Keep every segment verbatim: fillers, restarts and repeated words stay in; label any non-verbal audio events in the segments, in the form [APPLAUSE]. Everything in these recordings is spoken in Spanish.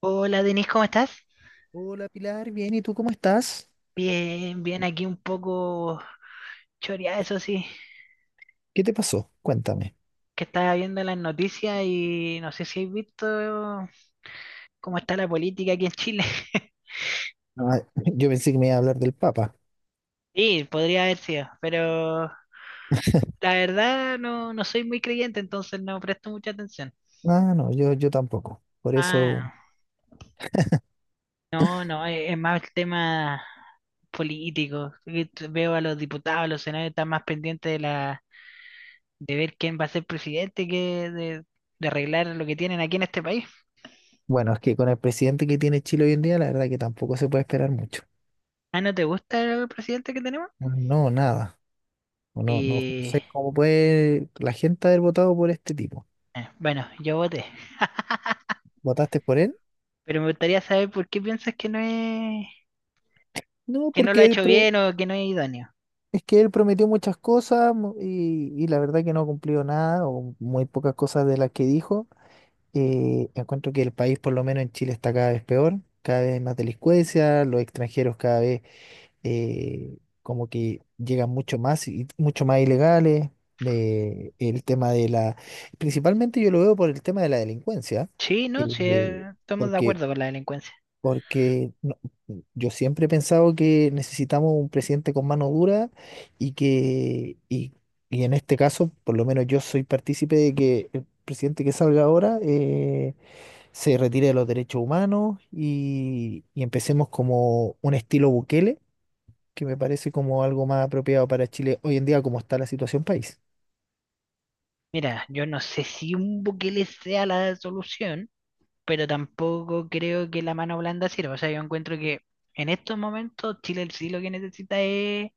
Hola Denise, ¿cómo estás? Hola Pilar, bien, ¿y tú cómo estás? Bien, bien, aquí un poco choreada, eso sí, ¿Qué te pasó? Cuéntame. que estaba viendo las noticias y no sé si has visto cómo está la política aquí en Chile. [LAUGHS] Ah, [LAUGHS] yo pensé que me iba a hablar del Papa. Sí, podría haber sido, pero la verdad no, no soy muy creyente, entonces no presto mucha atención. Ah, no, yo, yo tampoco. Por eso, Ah, no, no, es, es más el tema político. que t- Veo a los diputados, a los senadores están más pendientes de la, de ver quién va a ser presidente que de de arreglar lo que tienen aquí en este país. bueno, es que con el presidente que tiene Chile hoy en día, la verdad que tampoco se puede esperar mucho. Ah, ¿no te gusta el presidente que tenemos? Ah, no, nada. No, no, no Y sé cómo puede la gente haber votado por este tipo. eh, bueno, yo voté. ¿Votaste por él? Pero me gustaría saber por qué piensas que no es, No, que no lo ha porque él hecho pro- bien o que no es idóneo. es que él prometió muchas cosas mu- y, y la verdad que no cumplió nada o muy pocas cosas de las que dijo. Eh, encuentro que el país, por lo menos en Chile, está cada vez peor, cada vez hay más delincuencia, los extranjeros cada vez eh, como que llegan mucho más y mucho más ilegales. De- el tema de la, principalmente yo lo veo por el tema de la delincuencia, Sí, no, sí, eh, eh, estamos de porque, acuerdo con la delincuencia. porque no- yo siempre he pensado que necesitamos un presidente con mano dura y que, y, y en este caso, por lo menos yo soy partícipe de que el presidente que salga ahora. Eh, se retire de los derechos humanos y, y empecemos como un estilo Bukele, que me parece como algo más apropiado para Chile hoy en día como está la situación país. Mira, yo no sé si un Bukele sea la solución, pero tampoco creo que la mano blanda sirva. O sea, yo encuentro que en estos momentos Chile sí lo que necesita es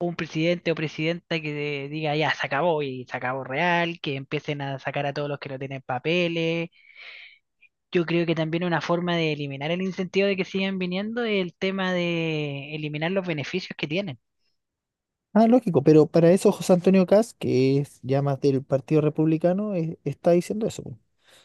un presidente o presidenta que diga ya se acabó y se acabó real, que empiecen a sacar a todos los que no tienen papeles. Yo creo que también una forma de eliminar el incentivo de que sigan viniendo es el tema de eliminar los beneficios que tienen. Ah, lógico, pero para eso José Antonio Kast, que es ya más del Partido Republicano, eh, está diciendo eso.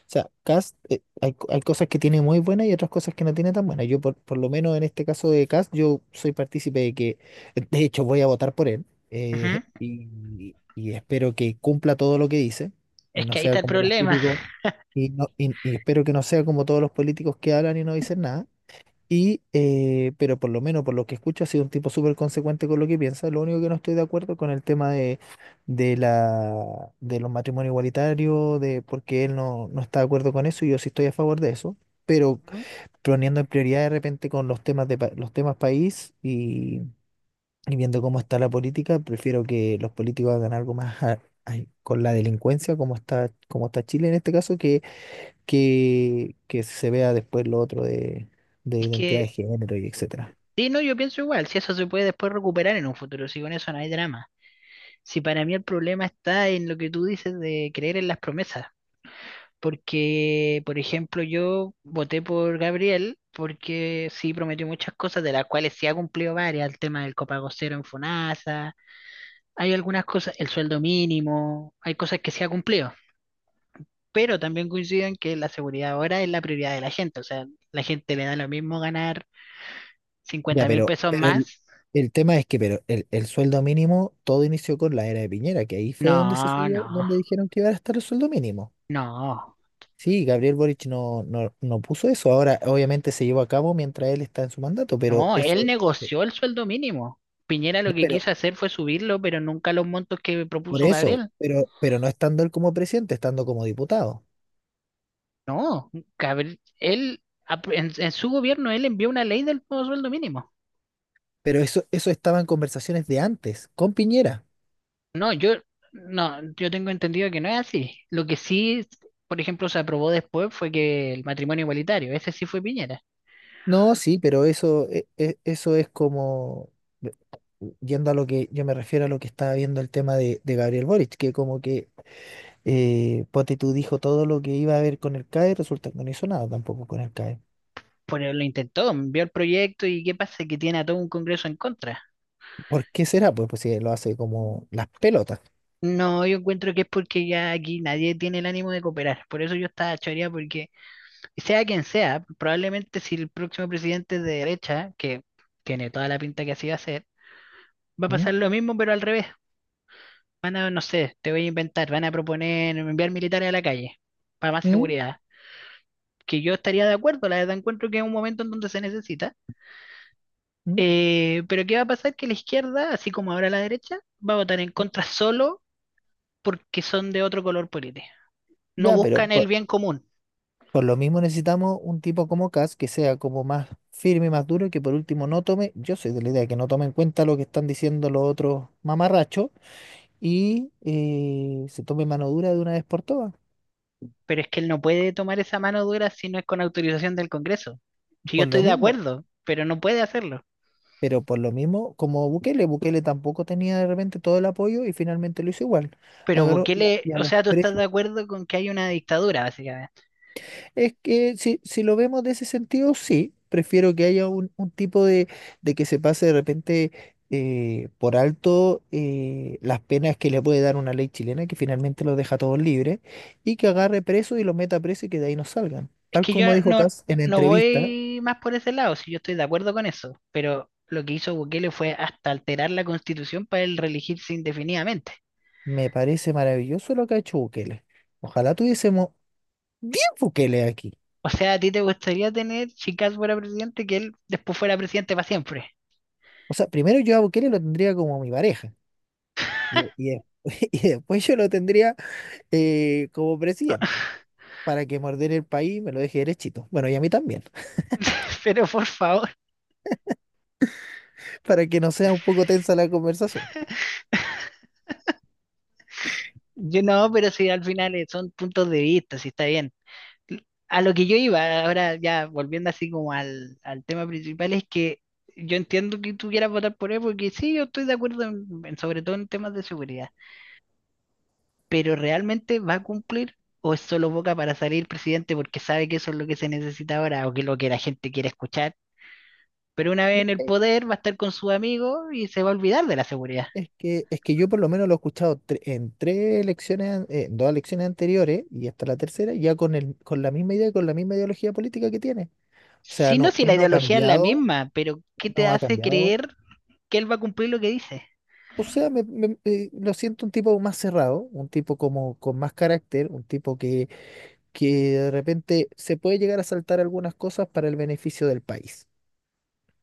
Sea, Cast, eh, hay, co- hay cosas que tiene muy buenas y otras cosas que no tiene tan buenas. Yo, por, por lo menos en este caso de Cast, yo soy partícipe de que, de hecho, voy a votar por él Ujú. eh, [LAUGHS] y, y espero que cumpla todo lo que dice Es y no que ahí está sea el como los problema. típicos, y, no, y, y espero que no sea como todos los políticos que hablan y no dicen nada. Y, eh, pero por lo menos por lo que escucho, ha sido un tipo súper consecuente con lo que piensa. Lo único que no estoy de acuerdo con el tema de, de la, de los matrimonios igualitarios, de porque él no, no está de acuerdo con eso y yo sí estoy a favor de eso. Pero Ujú. poniendo en prioridad de repente con los temas de pa- los temas país y, y viendo cómo está la política, prefiero que los políticos hagan algo más a- ay, con la delincuencia, como está, como está Chile en este caso, que, que se vea después lo otro de, de Es identidad de que, género y etcétera. sí, no, yo pienso igual, si eso se puede después recuperar en un futuro, si con eso no hay drama. Si para mí el problema está en lo que tú dices de creer en las promesas. Porque, por ejemplo, yo voté por Gabriel porque sí prometió muchas cosas, de las cuales sí ha cumplido varias, el tema del copago cero en Fonasa, hay algunas cosas, el sueldo mínimo, hay cosas que sí ha cumplido, pero también coinciden que la seguridad ahora es la prioridad de la gente, o sea, la gente le da lo mismo ganar Ya, cincuenta mil pero, pesos pero el, más. el tema es que pero el, el sueldo mínimo, todo inició con la era de Piñera, que ahí fue donde se No, subió, no, donde dijeron que iba a estar el sueldo mínimo. no, Sí, Gabriel Boric no, no, no puso eso. Ahora, obviamente, se llevó a cabo mientras él está en su mandato, pero no, él eso, eh, negoció el sueldo mínimo. Piñera lo no, que pero quiso hacer fue subirlo, pero nunca los montos que por propuso eso, Gabriel. pero, pero no estando él como presidente, estando como diputado. No, Gabriel, él, ap- en, en su gobierno, él envió una ley del nuevo sueldo mínimo. Pero eso, eso estaba en conversaciones de antes, con Piñera. No, yo, no, yo tengo entendido que no es así. Lo que sí, por ejemplo, se aprobó después fue que el matrimonio igualitario, ese sí fue Piñera. No, sí, pero eso, e- e- eso es como, yendo a lo que yo me refiero a lo que estaba viendo el tema de, de Gabriel Boric, que como que eh, ponte tú dijo todo lo que iba a haber con el C A E, resulta que no hizo nada tampoco con el C A E. Pero lo intentó, envió el proyecto y ¿qué pasa? Que tiene a todo un Congreso en contra. ¿Por qué será? Pues, pues si lo hace como las pelotas. No, yo encuentro que es porque ya aquí nadie tiene el ánimo de cooperar. Por eso yo estaba choreada, porque sea quien sea, probablemente si el próximo presidente es de derecha, que tiene toda la pinta que así va a ser, va a ¿Mm? pasar lo mismo, pero al revés. Van a, no sé, te voy a inventar, van a proponer enviar militares a la calle para más ¿Mm? seguridad. Que yo estaría de acuerdo, la verdad, encuentro que es un momento en donde se necesita. ¿Mm? Eh, pero ¿qué va a pasar? Que la izquierda, así como ahora la derecha, va a votar en contra solo porque son de otro color político. No Ya, pero buscan el por, bien común, por lo mismo necesitamos un tipo como Cas que sea como más firme, más duro, y que por último no tome, yo soy de la idea de que no tome en cuenta lo que están diciendo los otros mamarrachos y eh, se tome mano dura de una vez por todas, pero es que él no puede tomar esa mano dura si no es con autorización del Congreso. Si yo por estoy lo de mismo, acuerdo, pero no puede hacerlo. pero por lo mismo como Bukele, Bukele tampoco tenía de repente todo el apoyo y finalmente lo hizo igual, Pero agarró y a, Bukele, y a o los sea, tú estás de precios. acuerdo con que hay una dictadura, básicamente. Es que si, si lo vemos de ese sentido, sí, prefiero que haya un, un tipo de, de que se pase de repente eh, por alto eh, las penas que le puede dar una ley chilena que finalmente los deja todos libres y que agarre preso y los meta preso y que de ahí no salgan. Es Tal que yo como dijo no, Kass en no entrevista, voy más por ese lado, si yo estoy de acuerdo con eso, pero lo que hizo Bukele fue hasta alterar la constitución para él reelegirse indefinidamente. me parece maravilloso lo que ha hecho Bukele. Ojalá tuviésemos diez Bukele aquí. O sea, a ti te gustaría tener, si Kast fuera presidente, que él después fuera presidente para siempre. O sea, primero yo a Bukele lo tendría como mi pareja y, y [LAUGHS] y después yo lo tendría eh, como presidente para que morder el país y me lo deje derechito. Bueno, y a mí también, [LAUGHS] Pero por favor, [LAUGHS] para que no sea un poco tensa la conversación. yo no, pero si al final eh, son puntos de vista, si está bien. A lo que yo iba, ahora ya volviendo así como al, al tema principal, es que yo entiendo que tú quieras votar por él, porque sí, yo estoy de acuerdo, en- en- sobre todo en temas de seguridad, pero ¿realmente va a cumplir? ¿O es solo boca para salir presidente porque sabe que eso es lo que se necesita ahora o que es lo que la gente quiere escuchar? Pero una vez en el Eh, poder va a estar con sus amigos y se va a olvidar de la seguridad. Es que, es que yo por lo menos lo he escuchado tre- en tres elecciones, an- eh, en dos elecciones anteriores y hasta la tercera, ya con, el, con la misma idea y con la misma ideología política que tiene. O sea, Si no, no, si él la no ha ideología es la cambiado, misma, pero ¿qué él te no ha hace cambiado. creer que él va a cumplir lo que dice? O sea, me, me- eh, lo siento un tipo más cerrado, un tipo como con más carácter, un tipo que, que de repente se puede llegar a saltar algunas cosas para el beneficio del país.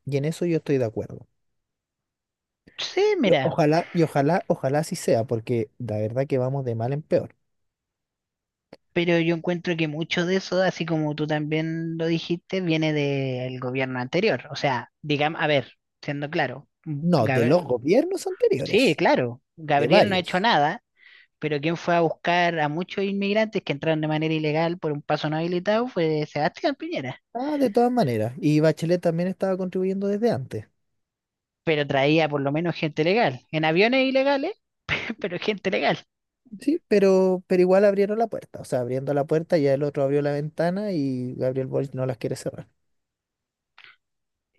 Y en eso yo estoy de acuerdo. Sí, Y mira, ojalá, y ojalá, ojalá así sea, porque la verdad que vamos de mal en peor. pero yo encuentro que mucho de eso, así como tú también lo dijiste, viene del gobierno anterior. O sea, digamos, a ver, siendo claro, No, de Gab- los gobiernos sí, anteriores, claro, de Gabriel no ha hecho varios. nada. Pero quien fue a buscar a muchos inmigrantes que entraron de manera ilegal por un paso no habilitado fue Sebastián Piñera. Ah, de todas maneras. Y Bachelet también estaba contribuyendo desde antes. Pero traía por lo menos gente legal, en aviones ilegales, [LAUGHS] pero gente legal. Sí, pero, pero igual abrieron la puerta. O sea, abriendo la puerta ya el otro abrió la ventana y Gabriel Boric no las quiere cerrar.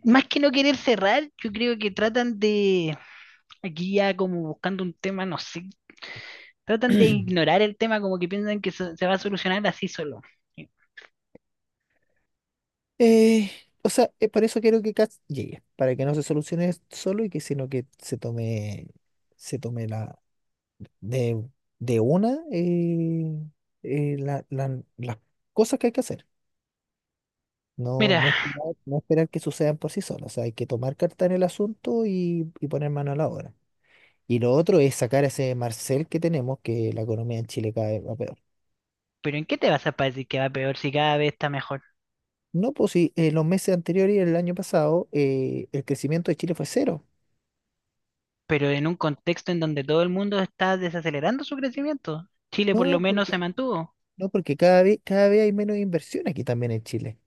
Más que no querer cerrar, yo creo que tratan de, aquí ya como buscando un tema, no sé, tratan de [CLEARS THROAT] ignorar el tema como que piensan que se se va a solucionar así solo. Eh, o sea, eh, por eso quiero que Katz llegue, para que no se solucione solo y que sino que se tome, se tome la de, de una eh, eh, la- la- las cosas que hay que hacer. No, Mira, no esperar, no esperar que sucedan por sí solas. O sea, hay que tomar carta en el asunto y, y poner mano a la obra. Y lo otro es sacar a ese Marcel que tenemos, que la economía en Chile cada vez va peor. pero ¿en qué te vas a decir que va peor si cada vez está mejor? No, pues sí, eh, los meses anteriores y el año pasado eh, el crecimiento de Chile fue cero. Pero en un contexto en donde todo el mundo está desacelerando su crecimiento. Chile por lo No, menos se mantuvo. no, porque cada vez, cada vez hay menos inversión aquí también en Chile.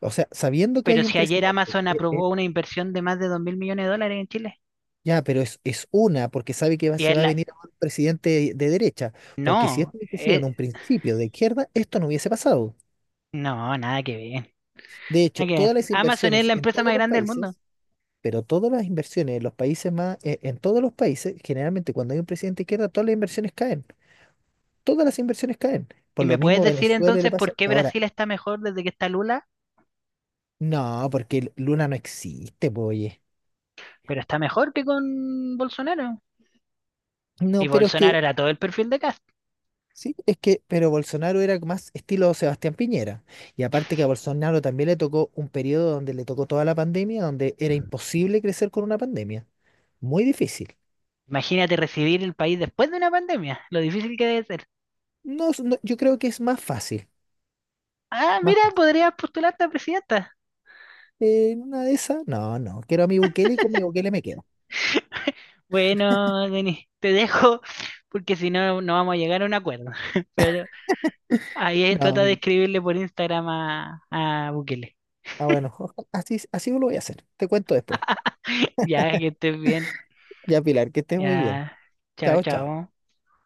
O sea, sabiendo que Pero hay un si ayer presidente, Amazon eh, eh, aprobó una inversión de más de dos mil millones de dólares en Chile, ya, pero es, es una, porque sabe que va- y se es va a la... venir un presidente de, de derecha, porque si No, esto hubiese sido en eh, un principio de izquierda, esto no hubiese pasado. no, nada que ver. De hecho, Nada que todas ver. las Amazon es inversiones la en empresa todos más los grande del mundo. países, pero todas las inversiones en los países más, eh, en todos los países, generalmente cuando hay un presidente de izquierda, todas las inversiones caen, todas las inversiones caen. ¿Y Por lo me puedes mismo decir Venezuela le entonces por pasa. qué Ahora, Brasil está mejor desde que está Lula? no, porque Luna no existe, pues, oye. Pero está mejor que con Bolsonaro. No, Y pero es Bolsonaro que era todo el perfil de Cast. sí, es que, pero Bolsonaro era más estilo Sebastián Piñera. Y aparte que a Bolsonaro también le tocó un periodo donde le tocó toda la pandemia, donde era imposible crecer con una pandemia. Muy difícil. Imagínate recibir el país después de una pandemia, lo difícil que debe ser. No, es- no, yo creo que es más fácil. Ah, Más mira, fácil. podrías postularte a presidenta. Eh, en una de esas, no, no. Quiero a mi Bukele y con mi Bukele me quedo. Bueno, Denis, te dejo porque si no, no vamos a llegar a un acuerdo. [LAUGHS] Pero ahí eh, No, trata de mi- escribirle por Instagram a, a Bukele. ah, bueno, [LAUGHS] oja- así, así lo voy a hacer. Te cuento después. [LAUGHS] Ya, que estés bien. Ya, Pilar, que estés muy bien. Ya. Chao, Chao, chao. chao.